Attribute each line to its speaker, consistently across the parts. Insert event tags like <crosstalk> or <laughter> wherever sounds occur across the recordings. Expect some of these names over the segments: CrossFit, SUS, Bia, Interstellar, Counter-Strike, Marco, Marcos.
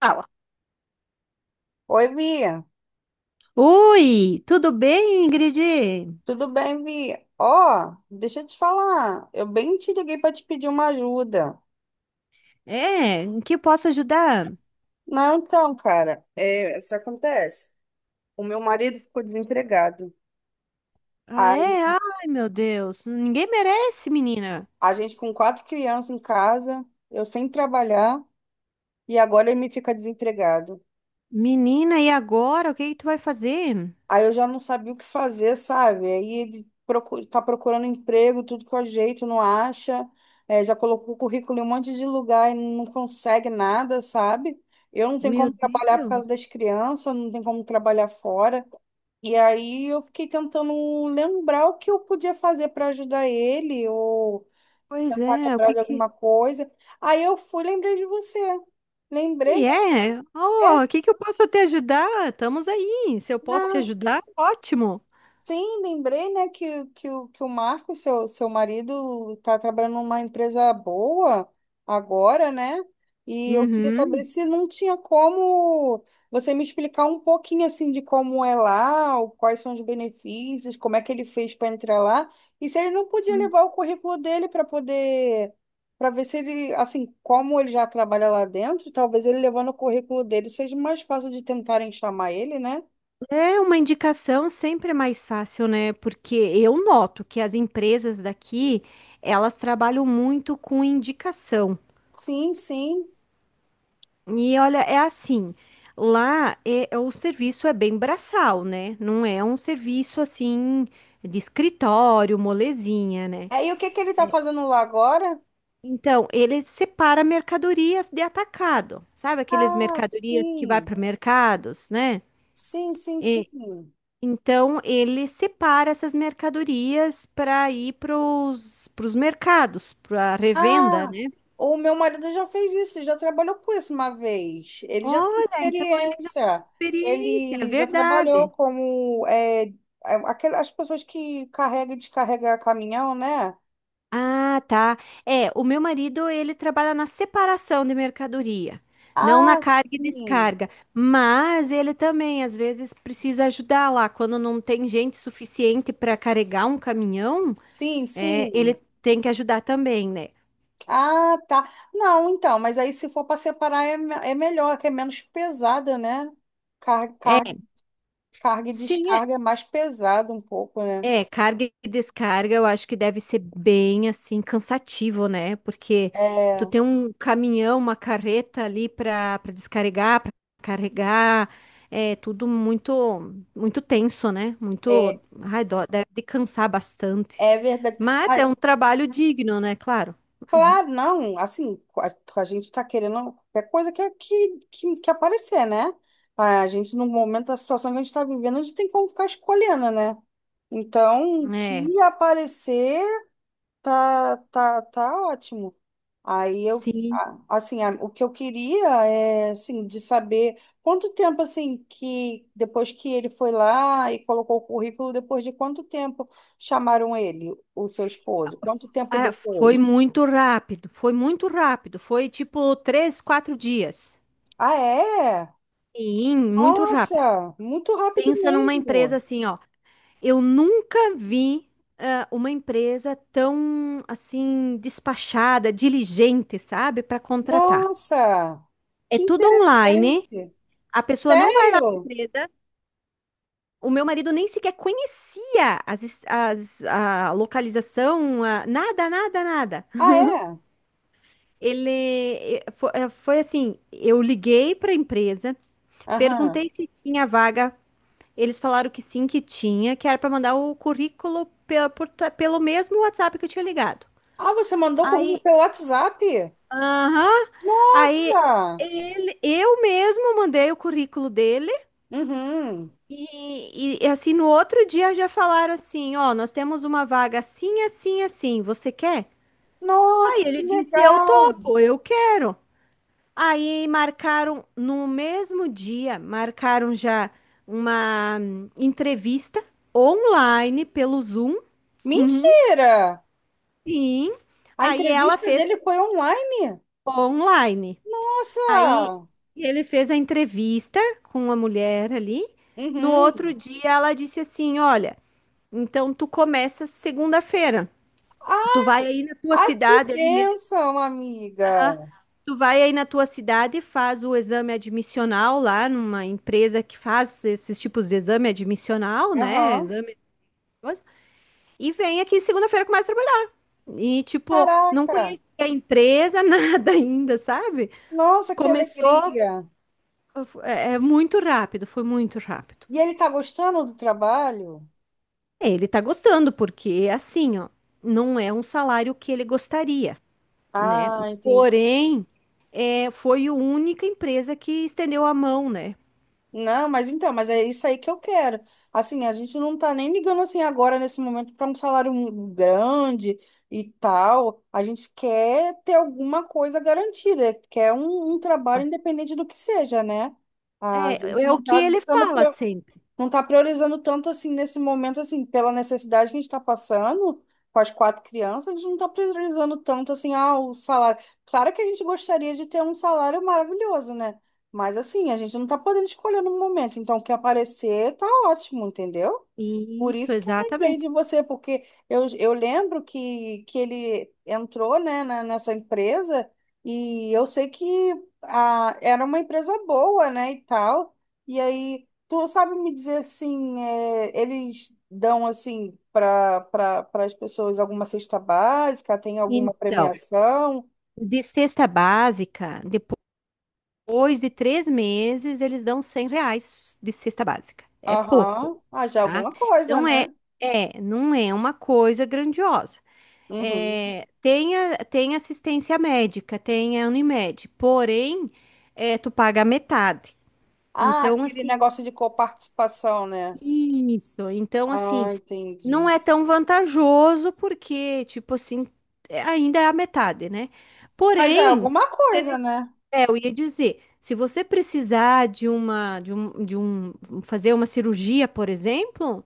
Speaker 1: Fala.
Speaker 2: Oi, Bia.
Speaker 1: Oi, tudo bem, Ingrid?
Speaker 2: Tudo bem, Bia? Ó, deixa eu te falar. Eu bem te liguei para te pedir uma ajuda.
Speaker 1: É, em que posso ajudar?
Speaker 2: Não, então, cara, é, isso acontece. O meu marido ficou desempregado.
Speaker 1: Ah,
Speaker 2: Aí,
Speaker 1: é? Ai, meu Deus, ninguém merece, menina.
Speaker 2: a gente com quatro crianças em casa, eu sem trabalhar, e agora ele me fica desempregado.
Speaker 1: Menina, e agora? O que que tu vai fazer?
Speaker 2: Aí eu já não sabia o que fazer, sabe? Aí ele procu tá procurando emprego, tudo que eu ajeito, não acha. É, já colocou o currículo em um monte de lugar e não consegue nada, sabe? Eu não tenho
Speaker 1: Meu
Speaker 2: como trabalhar por causa
Speaker 1: Deus.
Speaker 2: das crianças, não tenho como trabalhar fora. E aí eu fiquei tentando lembrar o que eu podia fazer para ajudar ele, ou
Speaker 1: Pois
Speaker 2: tentar
Speaker 1: é, o
Speaker 2: lembrar
Speaker 1: que
Speaker 2: de
Speaker 1: que...
Speaker 2: alguma coisa. Aí eu fui, lembrei de você. Lembrei,
Speaker 1: E é? Oh, o que que eu posso te ajudar? Estamos aí. Se eu posso te
Speaker 2: né?
Speaker 1: ajudar, ótimo.
Speaker 2: Sim, lembrei, né, que o Marco, seu marido, está trabalhando numa empresa boa agora, né? E eu queria saber
Speaker 1: Uhum.
Speaker 2: se não tinha como você me explicar um pouquinho assim de como é lá, quais são os benefícios, como é que ele fez para entrar lá, e se ele não podia levar o currículo dele para poder, para ver se ele, assim, como ele já trabalha lá dentro, talvez ele levando o currículo dele seja mais fácil de tentarem chamar ele, né?
Speaker 1: É uma indicação sempre é mais fácil, né? Porque eu noto que as empresas daqui, elas trabalham muito com indicação.
Speaker 2: Sim, sim.
Speaker 1: E olha, é assim, lá é o serviço é bem braçal, né? Não é um serviço assim de escritório, molezinha, né?
Speaker 2: É, e o que que ele está fazendo lá agora?
Speaker 1: Então, ele separa mercadorias de atacado, sabe aqueles
Speaker 2: Ah,
Speaker 1: mercadorias que vai
Speaker 2: sim.
Speaker 1: para mercados, né?
Speaker 2: Sim, sim, sim.
Speaker 1: Então, ele separa essas mercadorias para ir para os mercados, para revenda,
Speaker 2: Ah,
Speaker 1: né?
Speaker 2: o meu marido já fez isso, já trabalhou com isso uma vez. Ele já tem
Speaker 1: Olha, então ele já
Speaker 2: experiência.
Speaker 1: tem experiência, é
Speaker 2: Ele já trabalhou
Speaker 1: verdade.
Speaker 2: como as pessoas que carregam e descarregam caminhão, né?
Speaker 1: Ah, tá. É, o meu marido, ele trabalha na separação de mercadoria, não na
Speaker 2: Ah,
Speaker 1: carga e
Speaker 2: sim.
Speaker 1: descarga, mas ele também às vezes precisa ajudar lá quando não tem gente suficiente para carregar um caminhão,
Speaker 2: Sim,
Speaker 1: é, ele
Speaker 2: sim.
Speaker 1: tem que ajudar também, né?
Speaker 2: Ah, tá. Não, então, mas aí se for para separar é melhor, que é menos pesada, né? Carga,
Speaker 1: É,
Speaker 2: Carga e
Speaker 1: sim, é.
Speaker 2: descarga é mais pesado um pouco, né?
Speaker 1: É, carga e descarga eu acho que deve ser bem assim cansativo, né? Porque
Speaker 2: É,
Speaker 1: tu tem um caminhão, uma carreta ali para descarregar, para carregar, é tudo muito muito tenso, né?
Speaker 2: é,
Speaker 1: Muito, ai, dó, deve de cansar bastante.
Speaker 2: é verdade.
Speaker 1: Mas
Speaker 2: Ah,
Speaker 1: é um trabalho digno, né? Claro. Uhum.
Speaker 2: claro, não, assim, a gente está querendo qualquer coisa que aparecer, né? A gente, no momento da situação que a gente está vivendo, a gente tem como ficar escolhendo, né? Então, o
Speaker 1: É,
Speaker 2: que aparecer tá ótimo. Aí eu,
Speaker 1: sim.
Speaker 2: assim, o que eu queria é, assim, de saber quanto tempo, assim, que depois que ele foi lá e colocou o currículo, depois de quanto tempo chamaram ele, o seu esposo? Quanto tempo
Speaker 1: Ah, foi
Speaker 2: depois?
Speaker 1: muito rápido, foi muito rápido, foi tipo 3, 4 dias.
Speaker 2: Ah, é?
Speaker 1: Sim, muito rápido.
Speaker 2: Nossa, muito rápido
Speaker 1: Pensa numa empresa
Speaker 2: mesmo.
Speaker 1: assim, ó. Eu nunca vi uma empresa tão assim despachada, diligente, sabe, para contratar.
Speaker 2: Nossa,
Speaker 1: É
Speaker 2: que
Speaker 1: tudo online.
Speaker 2: interessante.
Speaker 1: A pessoa não vai lá na
Speaker 2: Sério?
Speaker 1: empresa. O meu marido nem sequer conhecia a localização, nada, nada, nada.
Speaker 2: Ah, é?
Speaker 1: Ele foi, assim, eu liguei para a empresa,
Speaker 2: Aham.
Speaker 1: perguntei se tinha vaga. Eles falaram que sim, que tinha, que era para mandar o currículo pelo mesmo WhatsApp que eu tinha ligado.
Speaker 2: Ah, você mandou o currículo
Speaker 1: Aí,
Speaker 2: pelo WhatsApp?
Speaker 1: aham, aí
Speaker 2: Nossa!
Speaker 1: eu mesmo mandei o currículo dele
Speaker 2: Uhum.
Speaker 1: e, assim, no outro dia já falaram assim, ó, nós temos uma vaga assim, assim, assim, você quer? Aí
Speaker 2: Nossa, que
Speaker 1: ele disse, eu
Speaker 2: legal!
Speaker 1: topo, eu quero. Aí marcaram no mesmo dia, marcaram já uma entrevista online pelo Zoom. <laughs>
Speaker 2: Mentira!
Speaker 1: Sim.
Speaker 2: A
Speaker 1: Aí ela
Speaker 2: entrevista dele
Speaker 1: fez
Speaker 2: foi online?
Speaker 1: online. Aí
Speaker 2: Nossa!
Speaker 1: ele fez a entrevista com a mulher ali. No outro
Speaker 2: Uhum.
Speaker 1: dia ela disse assim: Olha, então tu começa segunda-feira. Tu
Speaker 2: Ah,
Speaker 1: vai aí na tua
Speaker 2: ai, que
Speaker 1: cidade aí mesmo.
Speaker 2: bênção, amiga!
Speaker 1: Aham. Tu vai aí na tua cidade, faz o exame admissional lá numa empresa que faz esses tipos de exame admissional, né?
Speaker 2: Aham.
Speaker 1: Exame, coisa, e vem aqui segunda-feira começa a trabalhar. E tipo, não
Speaker 2: Caraca!
Speaker 1: conhecia a empresa, <laughs> nada ainda, sabe?
Speaker 2: Nossa, que
Speaker 1: Começou,
Speaker 2: alegria!
Speaker 1: é muito rápido, foi muito rápido.
Speaker 2: E ele tá gostando do trabalho?
Speaker 1: É, ele tá gostando, porque assim, ó, não é um salário que ele gostaria, né?
Speaker 2: Ah, entendi.
Speaker 1: Porém, é, foi a única empresa que estendeu a mão, né?
Speaker 2: Não, mas então, mas é isso aí que eu quero. Assim, a gente não tá nem ligando assim agora nesse momento para um salário grande e tal. A gente quer ter alguma coisa garantida, quer um trabalho independente do que seja, né? A
Speaker 1: É,
Speaker 2: gente
Speaker 1: é o
Speaker 2: não
Speaker 1: que
Speaker 2: tá
Speaker 1: ele
Speaker 2: dando
Speaker 1: fala sempre.
Speaker 2: não está priorizando tanto assim nesse momento, assim, pela necessidade que a gente está passando com as quatro crianças, a gente não está priorizando tanto assim, o salário. Claro que a gente gostaria de ter um salário maravilhoso, né? Mas assim, a gente não está podendo escolher no momento. Então, o que aparecer tá ótimo, entendeu? Por
Speaker 1: Isso,
Speaker 2: isso que eu lembrei de
Speaker 1: exatamente.
Speaker 2: você, porque eu lembro que ele entrou, né, nessa empresa e eu sei que era uma empresa boa, né, e tal. E aí, tu sabe me dizer assim, eles dão assim para as pessoas alguma cesta básica, tem alguma
Speaker 1: Então,
Speaker 2: premiação?
Speaker 1: de cesta básica, depois de 3 meses, eles dão R$ 100 de cesta básica. É pouco,
Speaker 2: Aham, ah, já
Speaker 1: tá?
Speaker 2: alguma coisa,
Speaker 1: Não é,
Speaker 2: né?
Speaker 1: não é uma coisa grandiosa.
Speaker 2: Uhum.
Speaker 1: É, tem assistência médica, tem a Unimed, porém, é, tu paga a metade.
Speaker 2: Ah,
Speaker 1: Então,
Speaker 2: aquele
Speaker 1: assim,
Speaker 2: negócio de coparticipação, né?
Speaker 1: isso. Então,
Speaker 2: Ah,
Speaker 1: assim, não é
Speaker 2: entendi.
Speaker 1: tão vantajoso porque, tipo assim, ainda é a metade, né?
Speaker 2: Mas já é
Speaker 1: Porém, se
Speaker 2: alguma
Speaker 1: você
Speaker 2: coisa,
Speaker 1: nece-
Speaker 2: né?
Speaker 1: é, eu ia dizer, se você precisar de uma, de um, fazer uma cirurgia, por exemplo,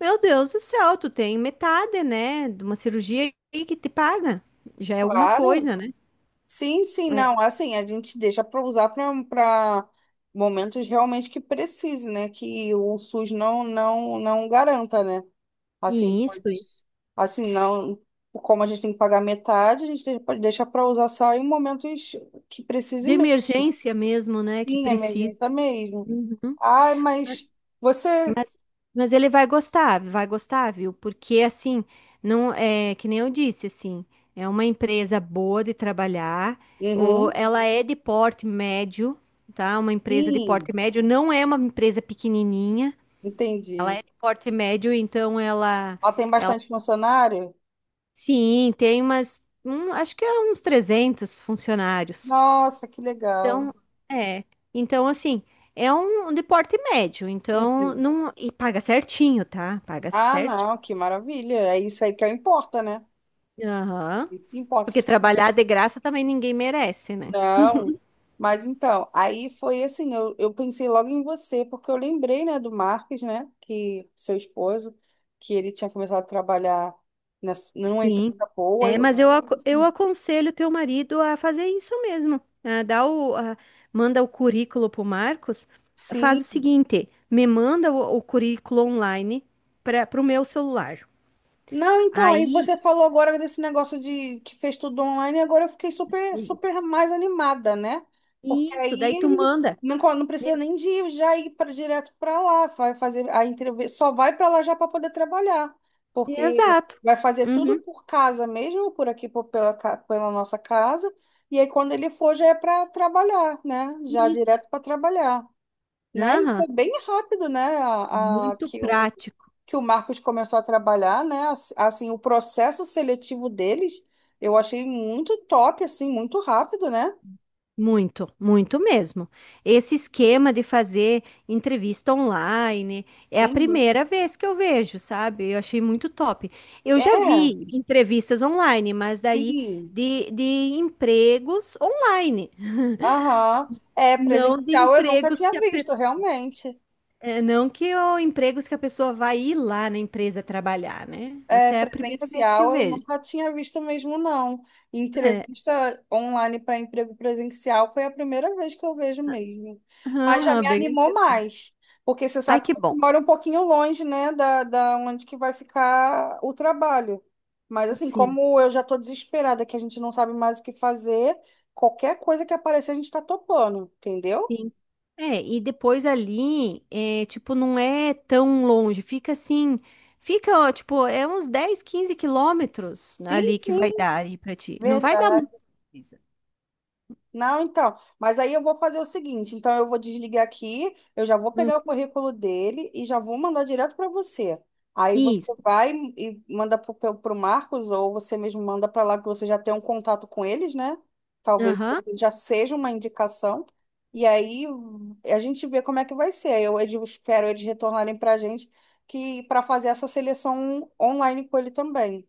Speaker 1: meu Deus do céu, tu tem metade, né, de uma cirurgia aí que te paga. Já é alguma
Speaker 2: Claro.
Speaker 1: coisa, né?
Speaker 2: Sim, sim,
Speaker 1: É.
Speaker 2: não. Assim, a gente deixa para usar para momentos realmente que precise, né? Que o SUS não garanta, né? Assim,
Speaker 1: Isso, isso.
Speaker 2: assim, não. Como a gente tem que pagar metade, a gente pode deixar para usar só em momentos que precise
Speaker 1: De
Speaker 2: mesmo.
Speaker 1: emergência mesmo, né, que
Speaker 2: Sim,
Speaker 1: precisa.
Speaker 2: emergência mesmo.
Speaker 1: Uhum.
Speaker 2: Ai, mas você.
Speaker 1: Mas ele vai gostar, viu? Porque assim, não é que nem eu disse, assim, é uma empresa boa de trabalhar, ou
Speaker 2: Uhum.
Speaker 1: ela é de porte médio, tá? Uma empresa de porte
Speaker 2: Sim,
Speaker 1: médio, não é uma empresa pequenininha, ela
Speaker 2: entendi.
Speaker 1: é de porte médio, então ela,
Speaker 2: Ela tem
Speaker 1: ela
Speaker 2: bastante funcionário?
Speaker 1: sim, tem acho que é uns 300 funcionários.
Speaker 2: Nossa, que legal.
Speaker 1: Então, é, então assim, é um de porte médio, então
Speaker 2: Uhum.
Speaker 1: não, e paga certinho, tá? Paga
Speaker 2: Ah,
Speaker 1: certinho.
Speaker 2: não, que maravilha. É isso aí que importa, né?
Speaker 1: Aham.
Speaker 2: É isso que importa.
Speaker 1: Porque
Speaker 2: Mas,
Speaker 1: trabalhar de graça também ninguém merece, né?
Speaker 2: não. Mas então, aí foi assim, eu pensei logo em você, porque eu lembrei, né, do Marques, né, que seu esposo, que ele tinha começado a trabalhar numa
Speaker 1: Sim.
Speaker 2: empresa boa.
Speaker 1: É, mas eu aconselho teu marido a fazer isso mesmo. Ah, manda o currículo pro Marcos. Faz
Speaker 2: Sim,
Speaker 1: o seguinte, me manda o currículo online para pro meu celular.
Speaker 2: não, então, aí
Speaker 1: Aí,
Speaker 2: você falou agora desse negócio de que fez tudo online, e agora eu fiquei super,
Speaker 1: sim,
Speaker 2: super mais animada, né? Porque
Speaker 1: isso, daí tu
Speaker 2: aí
Speaker 1: manda.
Speaker 2: não, não
Speaker 1: Me-
Speaker 2: precisa nem de ir já ir para direto para lá, vai fazer a entrevista, só vai para lá já para poder trabalhar, porque
Speaker 1: Exato.
Speaker 2: vai fazer tudo
Speaker 1: Uhum,
Speaker 2: por casa mesmo, por aqui pela nossa casa, e aí quando ele for já é para trabalhar, né? Já
Speaker 1: isso.
Speaker 2: direto para trabalhar, né? E
Speaker 1: Aham,
Speaker 2: foi bem rápido, né? A,
Speaker 1: muito prático.
Speaker 2: que o Marcos começou a trabalhar, né? Assim, o processo seletivo deles, eu achei muito top, assim, muito rápido, né?
Speaker 1: Muito, muito mesmo. Esse esquema de fazer entrevista online é a
Speaker 2: Uhum.
Speaker 1: primeira vez que eu vejo, sabe? Eu achei muito top. Eu já
Speaker 2: É,
Speaker 1: vi entrevistas online, mas daí
Speaker 2: sim.
Speaker 1: de empregos online,
Speaker 2: Aham. É,
Speaker 1: não de
Speaker 2: presencial eu nunca
Speaker 1: empregos
Speaker 2: tinha
Speaker 1: que a
Speaker 2: visto,
Speaker 1: pessoa.
Speaker 2: realmente.
Speaker 1: Não que o empregos que a pessoa vai ir lá na empresa trabalhar, né?
Speaker 2: É,
Speaker 1: Isso é a primeira vez que eu
Speaker 2: presencial eu
Speaker 1: vejo.
Speaker 2: nunca tinha visto mesmo, não.
Speaker 1: É.
Speaker 2: Entrevista online para emprego presencial foi a primeira vez que eu vejo mesmo. Mas já
Speaker 1: Aham,
Speaker 2: me
Speaker 1: bem
Speaker 2: animou
Speaker 1: interessante.
Speaker 2: mais, porque você
Speaker 1: Ai,
Speaker 2: sabe
Speaker 1: que
Speaker 2: que eu
Speaker 1: bom.
Speaker 2: moro um pouquinho longe, né, da onde que vai ficar o trabalho. Mas assim,
Speaker 1: Sim,
Speaker 2: como eu já estou desesperada, que a gente não sabe mais o que fazer, qualquer coisa que aparecer a gente está topando, entendeu?
Speaker 1: sim. É, e depois ali, é, tipo, não é tão longe, fica assim, fica, ó, tipo, é uns 10, 15 km
Speaker 2: Sim,
Speaker 1: ali que vai
Speaker 2: sim,
Speaker 1: dar aí pra ti. Não vai dar
Speaker 2: verdade.
Speaker 1: muita coisa.
Speaker 2: Não, então. Mas aí eu vou fazer o seguinte: então eu vou desligar aqui, eu já vou
Speaker 1: Hum,
Speaker 2: pegar o currículo dele e já vou mandar direto para você. Aí você
Speaker 1: Isso,
Speaker 2: vai e manda para o Marcos, ou você mesmo manda para lá que você já tem um contato com eles, né? Talvez
Speaker 1: aham,
Speaker 2: você já seja uma indicação. E aí a gente vê como é que vai ser. Aí eu espero eles retornarem para a gente que para fazer essa seleção online com ele também.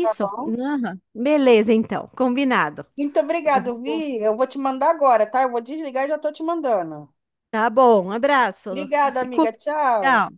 Speaker 2: Tá bom?
Speaker 1: aham. Beleza, então, combinado.
Speaker 2: Muito
Speaker 1: Eu
Speaker 2: obrigado,
Speaker 1: vou-
Speaker 2: Vi. Eu vou te mandar agora, tá? Eu vou desligar e já tô te mandando.
Speaker 1: Tá bom, um abraço,
Speaker 2: Obrigada,
Speaker 1: se cuida.
Speaker 2: amiga. Tchau.
Speaker 1: Tchau.